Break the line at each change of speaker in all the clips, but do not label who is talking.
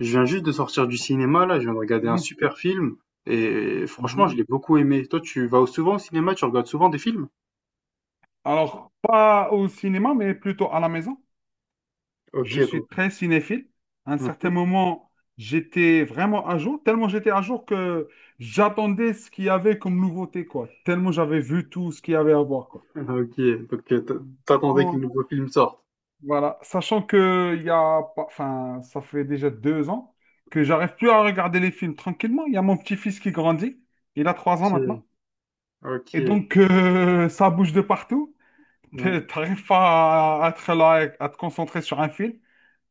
Je viens juste de sortir du cinéma là, je viens de regarder un
Mhm,
super film et franchement,
mhm.
je l'ai beaucoup aimé. Toi, tu vas souvent au cinéma, tu regardes souvent des films?
Alors, pas au cinéma, mais plutôt à la maison.
Ok,
Je suis
donc.
très cinéphile. À un certain
Mhm.
moment, j'étais vraiment à jour, tellement j'étais à jour que j'attendais ce qu'il y avait comme nouveauté, quoi. Tellement j'avais vu tout ce qu'il y avait à voir, quoi.
Ah, ok, donc t'attendais que le
Bon,
nouveau film sorte.
voilà. Sachant que il y a pas, enfin, ça fait déjà 2 ans que j'arrive plus à regarder les films tranquillement. Il y a mon petit-fils qui grandit. Il a 3 ans maintenant.
Ok,
Et
ok.
donc, ça bouge de partout.
Mhm.
T'arrives pas à, être là, et à te concentrer sur un film.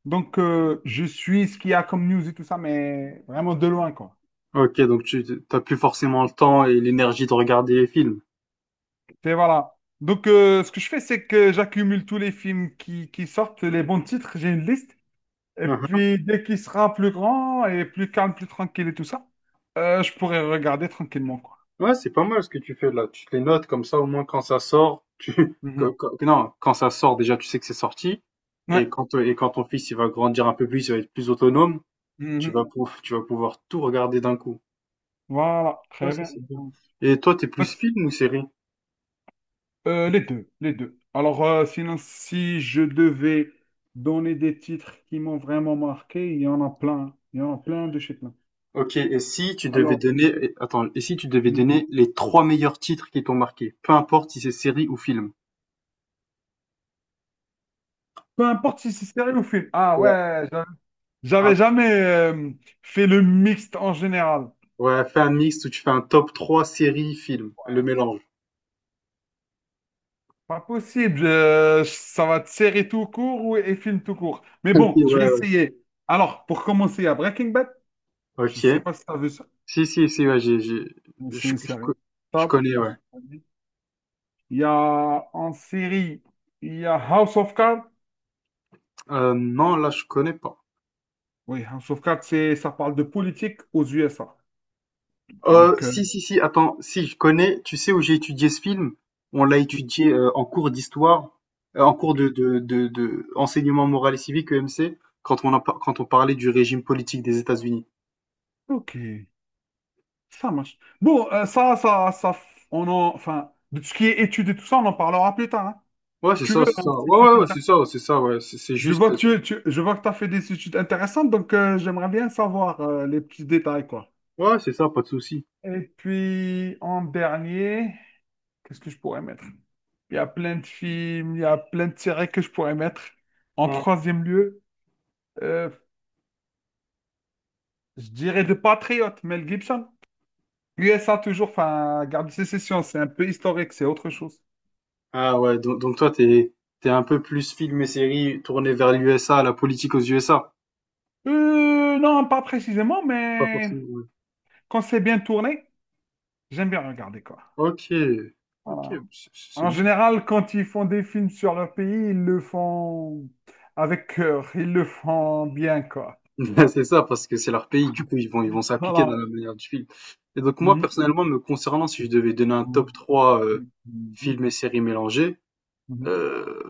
Donc, je suis ce qu'il y a comme news et tout ça, mais vraiment de loin, quoi.
Ok, donc tu t'as plus forcément le temps et l'énergie de regarder les films.
Et voilà. Donc, ce que je fais, c'est que j'accumule tous les films qui sortent, les bons titres, j'ai une liste. Et
Mhm.
puis, dès qu'il sera plus grand et plus calme, plus tranquille et tout ça, je pourrai regarder tranquillement, quoi.
Ouais, c'est pas mal ce que tu fais là. Tu te les notes comme ça, au moins quand ça sort, tu
Mhm.
non, quand ça sort déjà, tu sais que c'est sorti. Et
Ouais.
quand ton fils il va grandir un peu plus, il va être plus autonome.
Mhm.
Tu vas pouvoir tout regarder d'un coup.
Voilà.
Ouais,
Très
ça
bien.
c'est bien. Et toi, t'es
Donc,
plus film ou série?
Les deux, les deux. Alors, sinon, si je devais donner des titres qui m'ont vraiment marqué, il y en a plein. Il y en a plein de chez plein.
Ok, et si tu devais
Alors,
donner, et- attends, et si tu devais
hmm,
donner les trois meilleurs titres qui t'ont marqué, peu importe si c'est série ou film.
peu importe si c'est série ou film. Ah
Ouais.
ouais, j'avais
Un-
jamais fait le mixte en général.
ouais, fais un mix où tu fais un top 3 série, film, le mélange.
Pas possible. Ça va être série tout court ou et film tout court. Mais
Ok,
bon, je vais
ouais, ouais.
essayer. Alors, pour commencer, à Breaking Bad. Je
Ok.
sais pas si tu as vu ça.
Si, si, si, ouais, j'ai,
Mais C'est une
je, co-
série
je
top.
connais, ouais.
Il y a en série, il y a House of Cards.
Non, là, je connais pas.
Oui, House of Cards, c'est, ça parle de politique aux USA. Donc,
Si, si, si, attends, si, je connais. Tu sais où j'ai étudié ce film? On l'a étudié, en cours d'histoire, en cours
ok,
de enseignement moral et civique, EMC, quand on a par quand on parlait du régime politique des États-Unis.
ok, ça marche. Bon, enfin, de tout ce qui est études et tout ça, on en parlera plus tard, hein.
Ouais,
Si
c'est
tu
ça,
veux,
c'est
hein,
ça.
si
Ouais,
ça
ouais, ouais,
t'intéresse.
c'est ça, ouais, c'est juste,
Je vois que tu as fait des études intéressantes, donc j'aimerais bien savoir les petits détails, quoi.
ouais, c'est ça, pas de souci.
Et puis, en dernier, qu'est-ce que je pourrais mettre? Il y a plein de films, il y a plein de séries que je pourrais mettre. En
Mmh.
troisième lieu, euh, je dirais de Patriote, Mel Gibson. USA toujours, enfin, garde de sécession, c'est un peu historique, c'est autre chose.
Ah ouais, donc toi, t'es un peu plus film et série tourné vers l'USA, la politique aux USA?
Non, pas précisément,
Pas
mais
forcément, ouais.
quand c'est bien tourné, j'aime bien regarder quoi.
Ok, ok,
Voilà.
c'est
En
bien.
général, quand ils font des films sur leur pays, ils le font avec cœur, ils le font bien quoi.
C'est ça, parce que c'est leur pays, du coup, ils vont s'appliquer dans
Voilà.
la manière du film. Et donc moi,
Mhm.
personnellement, me concernant, si je devais donner un top 3
Mhm.
films et séries mélangés,
Mhm.
euh,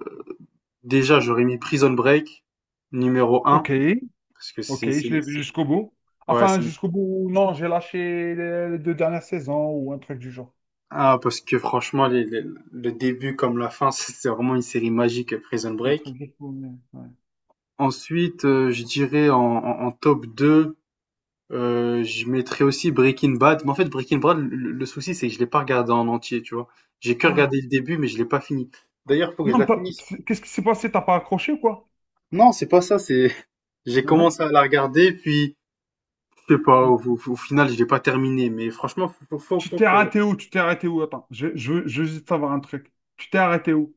déjà, j'aurais mis Prison Break, numéro un
Ok.
parce que
Ok, je l'ai vu jusqu'au bout.
Ouais,
Enfin, jusqu'au bout, non, j'ai lâché les deux dernières saisons ou un truc du genre.
Ah, parce que franchement, le début comme la fin, c'est vraiment une série magique, Prison
Un
Break.
truc du genre, mais, ouais.
Ensuite, je dirais en top deux. Je mettrais aussi Breaking Bad, mais en fait Breaking Bad, le souci c'est que je l'ai pas regardé en entier, tu vois? J'ai que
Ah,
regardé le début, mais je l'ai pas fini. D'ailleurs, faut que je
non,
la finisse.
qu'est-ce qui s'est passé? T'as pas accroché ou quoi?
Non, c'est pas ça, c'est j'ai
Hein.
commencé à la regarder, puis je sais pas, au final, je l'ai pas terminé, mais franchement, faut, faut, faut
Tu
faut
t'es
que...
arrêté où? Tu t'es arrêté où? Attends, je veux juste savoir un truc. Tu t'es arrêté où?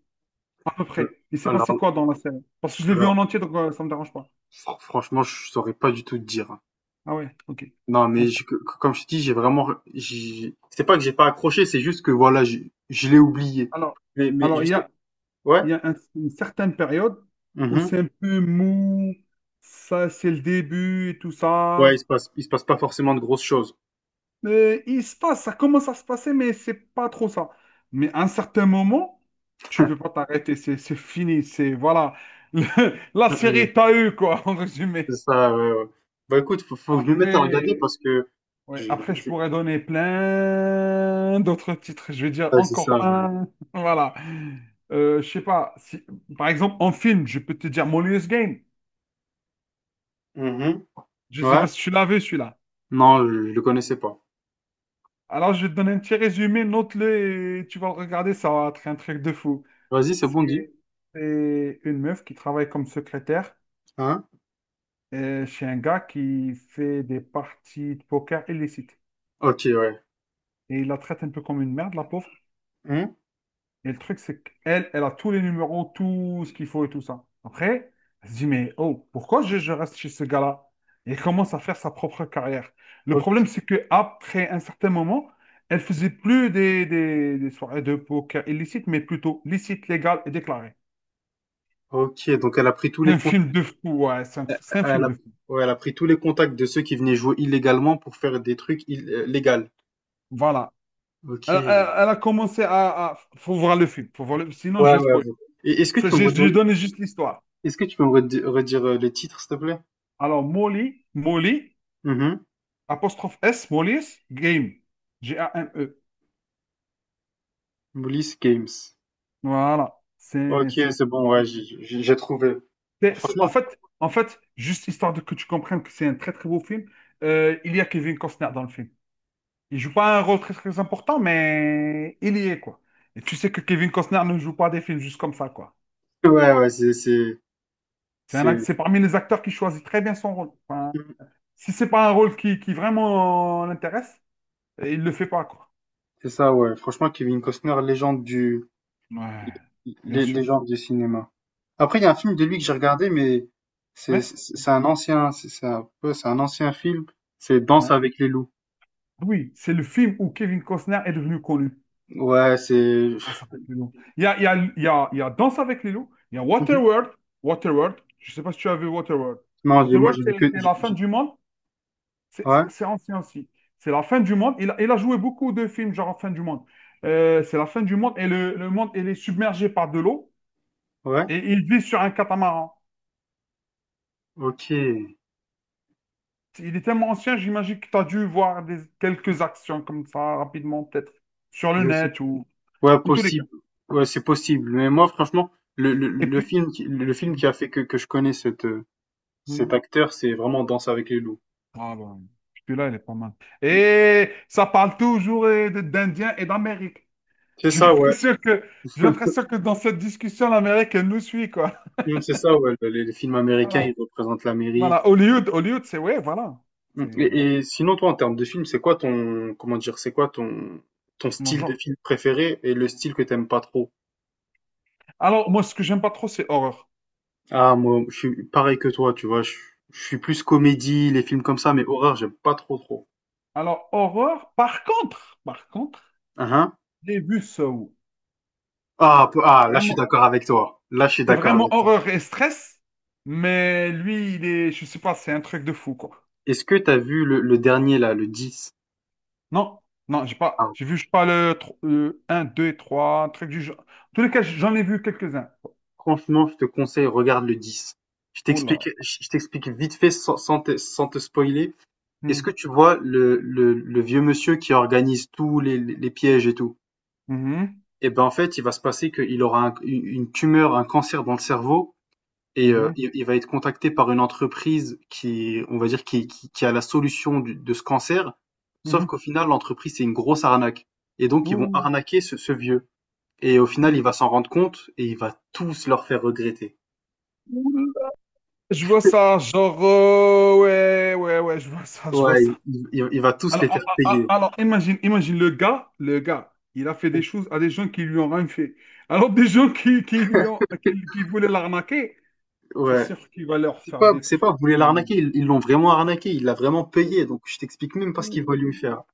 À peu
euh,
près. Il s'est
Alors,
passé quoi dans la série? Parce que je l'ai vu en
alors,
entier, donc ça me dérange pas.
Franchement, je saurais pas du tout te dire. Hein.
Ah ouais, ok.
Non, mais comme je te dis, j'ai vraiment, c'est pas que j'ai pas accroché, c'est juste que voilà, je l'ai oublié.
Alors,
Mais
alors, il y
juste,
a,
ouais.
il y a un- une certaine période où
Mm-hmm.
c'est un peu mou, ça c'est le début et tout
Ouais,
ça.
il se passe pas forcément de grosses choses.
Mais il se passe, ça commence à se passer, mais c'est pas trop ça. Mais à un certain moment, tu peux pas t'arrêter, c'est fini, c'est voilà. La série t'a eu, quoi, en
C'est
résumé.
ça, ouais, ouais. Bah écoute, faut que je me mette à regarder
Après,
parce que je-
ouais, après,
je-
je
je-
pourrais donner plein d'autres titres. Je vais dire
ouais, c'est ça.
encore
Ouais.
un. Voilà. Je sais pas. Si, par exemple, en film, je peux te dire Molly's Game.
Mhm.
Je sais pas
Ouais.
si tu l'as vu, celui-là.
Non, je le connaissais pas.
Alors, je vais te donner un petit résumé, note-le et tu vas le regarder, ça va être un truc de fou.
Vas-y, c'est bon, dit.
C'est c'est une meuf qui travaille comme secrétaire
Hein?
chez un gars qui fait des parties de poker illicites.
Ok, ouais.
Et il la traite un peu comme une merde, la pauvre.
Hein.
Et le truc, c'est qu'elle, elle a tous les numéros, tout ce qu'il faut et tout ça. Après, elle se dit, mais oh, pourquoi je reste chez ce gars-là? Et elle commence à faire sa propre carrière. Le
Ok,
problème, c'est que après un certain moment, elle faisait plus des soirées de poker illicites, mais plutôt licites, légales et déclarées.
ok, donc elle a pris tous les
Un
comptes,
film de fou, ouais, c'est un
elle
film de
a,
fou.
ouais, elle a pris tous les contacts de ceux qui venaient jouer illégalement pour faire des trucs légaux.
Voilà.
Ok.
Elle,
Ouais,
elle- elle a commencé Faut voir le film. Faut voir le... Sinon, je
ouais.
vais
Ouais.
spoiler.
Et est-ce que tu peux me
Je
redire,
lui donne juste l'histoire.
est-ce que tu peux me redire, le titre, s'il te plaît?
Alors, Molly, Molly,
Mhm.
apostrophe S, Molly's Game. Game.
Police Games.
Voilà.
Ok, c'est bon, ouais, j'ai trouvé.
C'est-
Franchement,
En fait, en fait, juste histoire de que tu comprennes que c'est un très, très beau film, il y a Kevin Costner dans le film. Il joue pas un rôle très, très important, mais il y est, quoi. Et tu sais que Kevin Costner ne joue pas des films juste comme ça, quoi.
ouais, ouais, c'est,
C'est parmi les acteurs qui choisit très bien son rôle. Enfin, si c'est pas un rôle qui vraiment l'intéresse, il le fait pas, quoi.
c'est ça, ouais. Franchement, Kevin Costner,
Ouais, bien sûr.
légende du cinéma. Après, il y a un film de lui que j'ai regardé, mais c'est,
Ouais.
c'est c'est un ancien, c'est un peu, c'est un ancien film. C'est Danse
Ouais.
avec les loups.
Oui, c'est le film où Kevin Costner est devenu connu.
Ouais, c'est,
Danse avec les loups. Il y a, il y a, il y a, il y a Danse avec les loups, il y a
Mhm.
Waterworld. Waterworld, je sais pas si tu as vu Waterworld.
non, j'ai- Moi,
Waterworld,
j'ai vu
c'est
que,
c'est la fin
j'ai-
du monde. C'est
ouais,
c'est ancien aussi. C'est la fin du monde. Il a joué beaucoup de films genre fin du monde. C'est la fin du monde et le monde il est submergé par de l'eau
ouais,
et il vit sur un catamaran.
ok.
Il est tellement ancien, j'imagine que tu as dû voir des, quelques actions comme ça rapidement, peut-être sur le
Je sais.
net ou
Ouais,
en tous les cas.
possible. Ouais, c'est possible. Mais moi, franchement,
Et
le
puis,
film, le film qui a fait que je connais cette,
hmm,
cet acteur, c'est vraiment Danse avec les loups.
ah ben, celui-là, il est pas mal. Et ça parle toujours d'Indiens et d'Amérique.
C'est
J'ai
ça, ouais.
l'impression que, j'ai l'impression que dans cette discussion, l'Amérique, elle nous suit, quoi.
Mmh, c'est ça, ouais. Les films américains, ils
Voilà.
représentent l'Amérique.
Voilà. Hollywood, Hollywood, c'est ouais, voilà.
Mmh.
C'est
Et sinon, toi, en termes de film, comment dire, c'est quoi ton, ton
mon
style de
genre.
film préféré et le style que t'aimes pas trop?
Alors, moi, ce que j'aime pas trop, c'est horreur.
Ah, moi, je suis pareil que toi, tu vois. Je suis plus comédie, les films comme ça,
Hmm.
mais horreur, j'aime pas trop, trop.
Alors, horreur, par contre,
Ah, hein.
j'ai vu Saw.
Ah,
C'est
ah, là, je suis
vraiment
d'accord avec toi. Là, je suis
C'est
d'accord
vraiment
avec toi.
horreur et stress, mais lui, il est, je sais pas, c'est un truc de fou, quoi.
Est-ce que t'as vu le dernier, là, le dix?
Non, non, j'ai pas,
Ah,
j'ai vu, je sais pas, le un 2 et 3, un truc du genre. En tous les cas,
oh.
j'en ai vu quelques-uns.
Franchement, je te conseille, regarde le 10.
Oh là.
Je t'explique vite fait sans te spoiler. Est-ce
Mhm,
que tu vois le vieux monsieur qui organise tous les pièges et tout?
mhm,
Eh ben, en fait, il va se passer qu'il aura une tumeur, un cancer dans le cerveau et
mhm,
il va être contacté par une entreprise qui, on va dire, qui a la solution de ce cancer. Sauf
mhm.
qu'au final, l'entreprise, c'est une grosse arnaque. Et donc, ils vont
Ouh.
arnaquer ce, ce vieux. Et au final, il va s'en rendre compte et il va tous leur faire regretter.
Ouh là. Je vois ça, genre, ouais, ouais, ouais, je vois ça, je vois
Ouais,
ça.
il va tous
Alors,
les
a-
faire
a-
payer.
a- alors, imagine, imagine le gars, il a fait des choses à des gens qui lui ont rien fait. Alors, des gens qui, lui ont, qui voulaient l'arnaquer, c'est
Ouais.
sûr qu'il va leur faire des
C'est pas,
trucs.
Vous voulez l'arnaquer, ils l'ont vraiment arnaqué, il l'a vraiment payé,
Mais-
donc je t'explique même pas ce qu'il va lui
Ouh.
faire.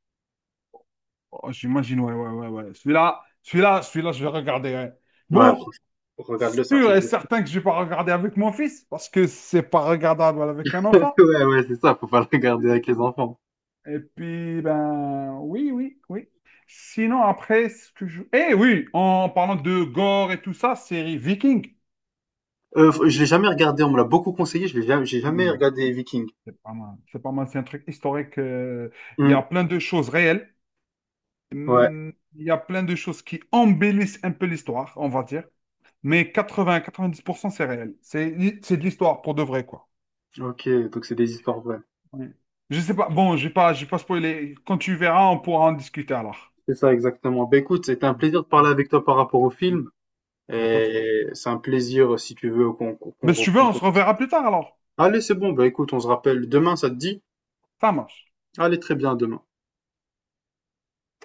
Oh, j'imagine, ouais, ouais, ouais, ouais. Celui-là, celui-là, celui-là, je vais regarder, ouais.
Ouais,
Bon,
franchement, regarde-le, c'est un
sûr
truc
et
de fou.
certain que je vais pas regarder avec mon fils, parce que c'est pas regardable avec un enfant.
Ouais, ouais, c'est ça, faut pas le regarder avec les enfants.
Et puis, ben, oui, oui, oui. Sinon, après, ce que je... Eh oui, en parlant de gore et tout ça, série Viking.
Je l'ai jamais regardé, on me l'a beaucoup conseillé, je l'ai jamais, j'ai jamais
Hmm,
regardé Viking.
c'est pas mal. C'est pas mal, c'est un truc historique. Il y
Hmm,
a plein de choses réelles.
ouais,
Hum, Il y a plein de choses qui embellissent un peu l'histoire, on va dire. Mais 80-90% c'est réel. C'est de l'histoire pour de vrai, quoi.
ok, donc c'est des histoires vraies.
Ouais. Je sais pas. Bon, je vais pas spoiler. Quand tu verras, on pourra en discuter alors.
C'est ça, exactement. Ben écoute, c'était un
Ouais.
plaisir de
Ouais.
parler avec toi par rapport au
Il
film,
n'y a pas de souci.
et c'est un plaisir, si tu veux, qu'on
Mais si tu veux,
reprenne.
on
Cette-
se reverra plus tard alors.
Allez, c'est bon, ben écoute, on se rappelle demain, ça te dit?
Ça marche.
Allez, très bien, à demain.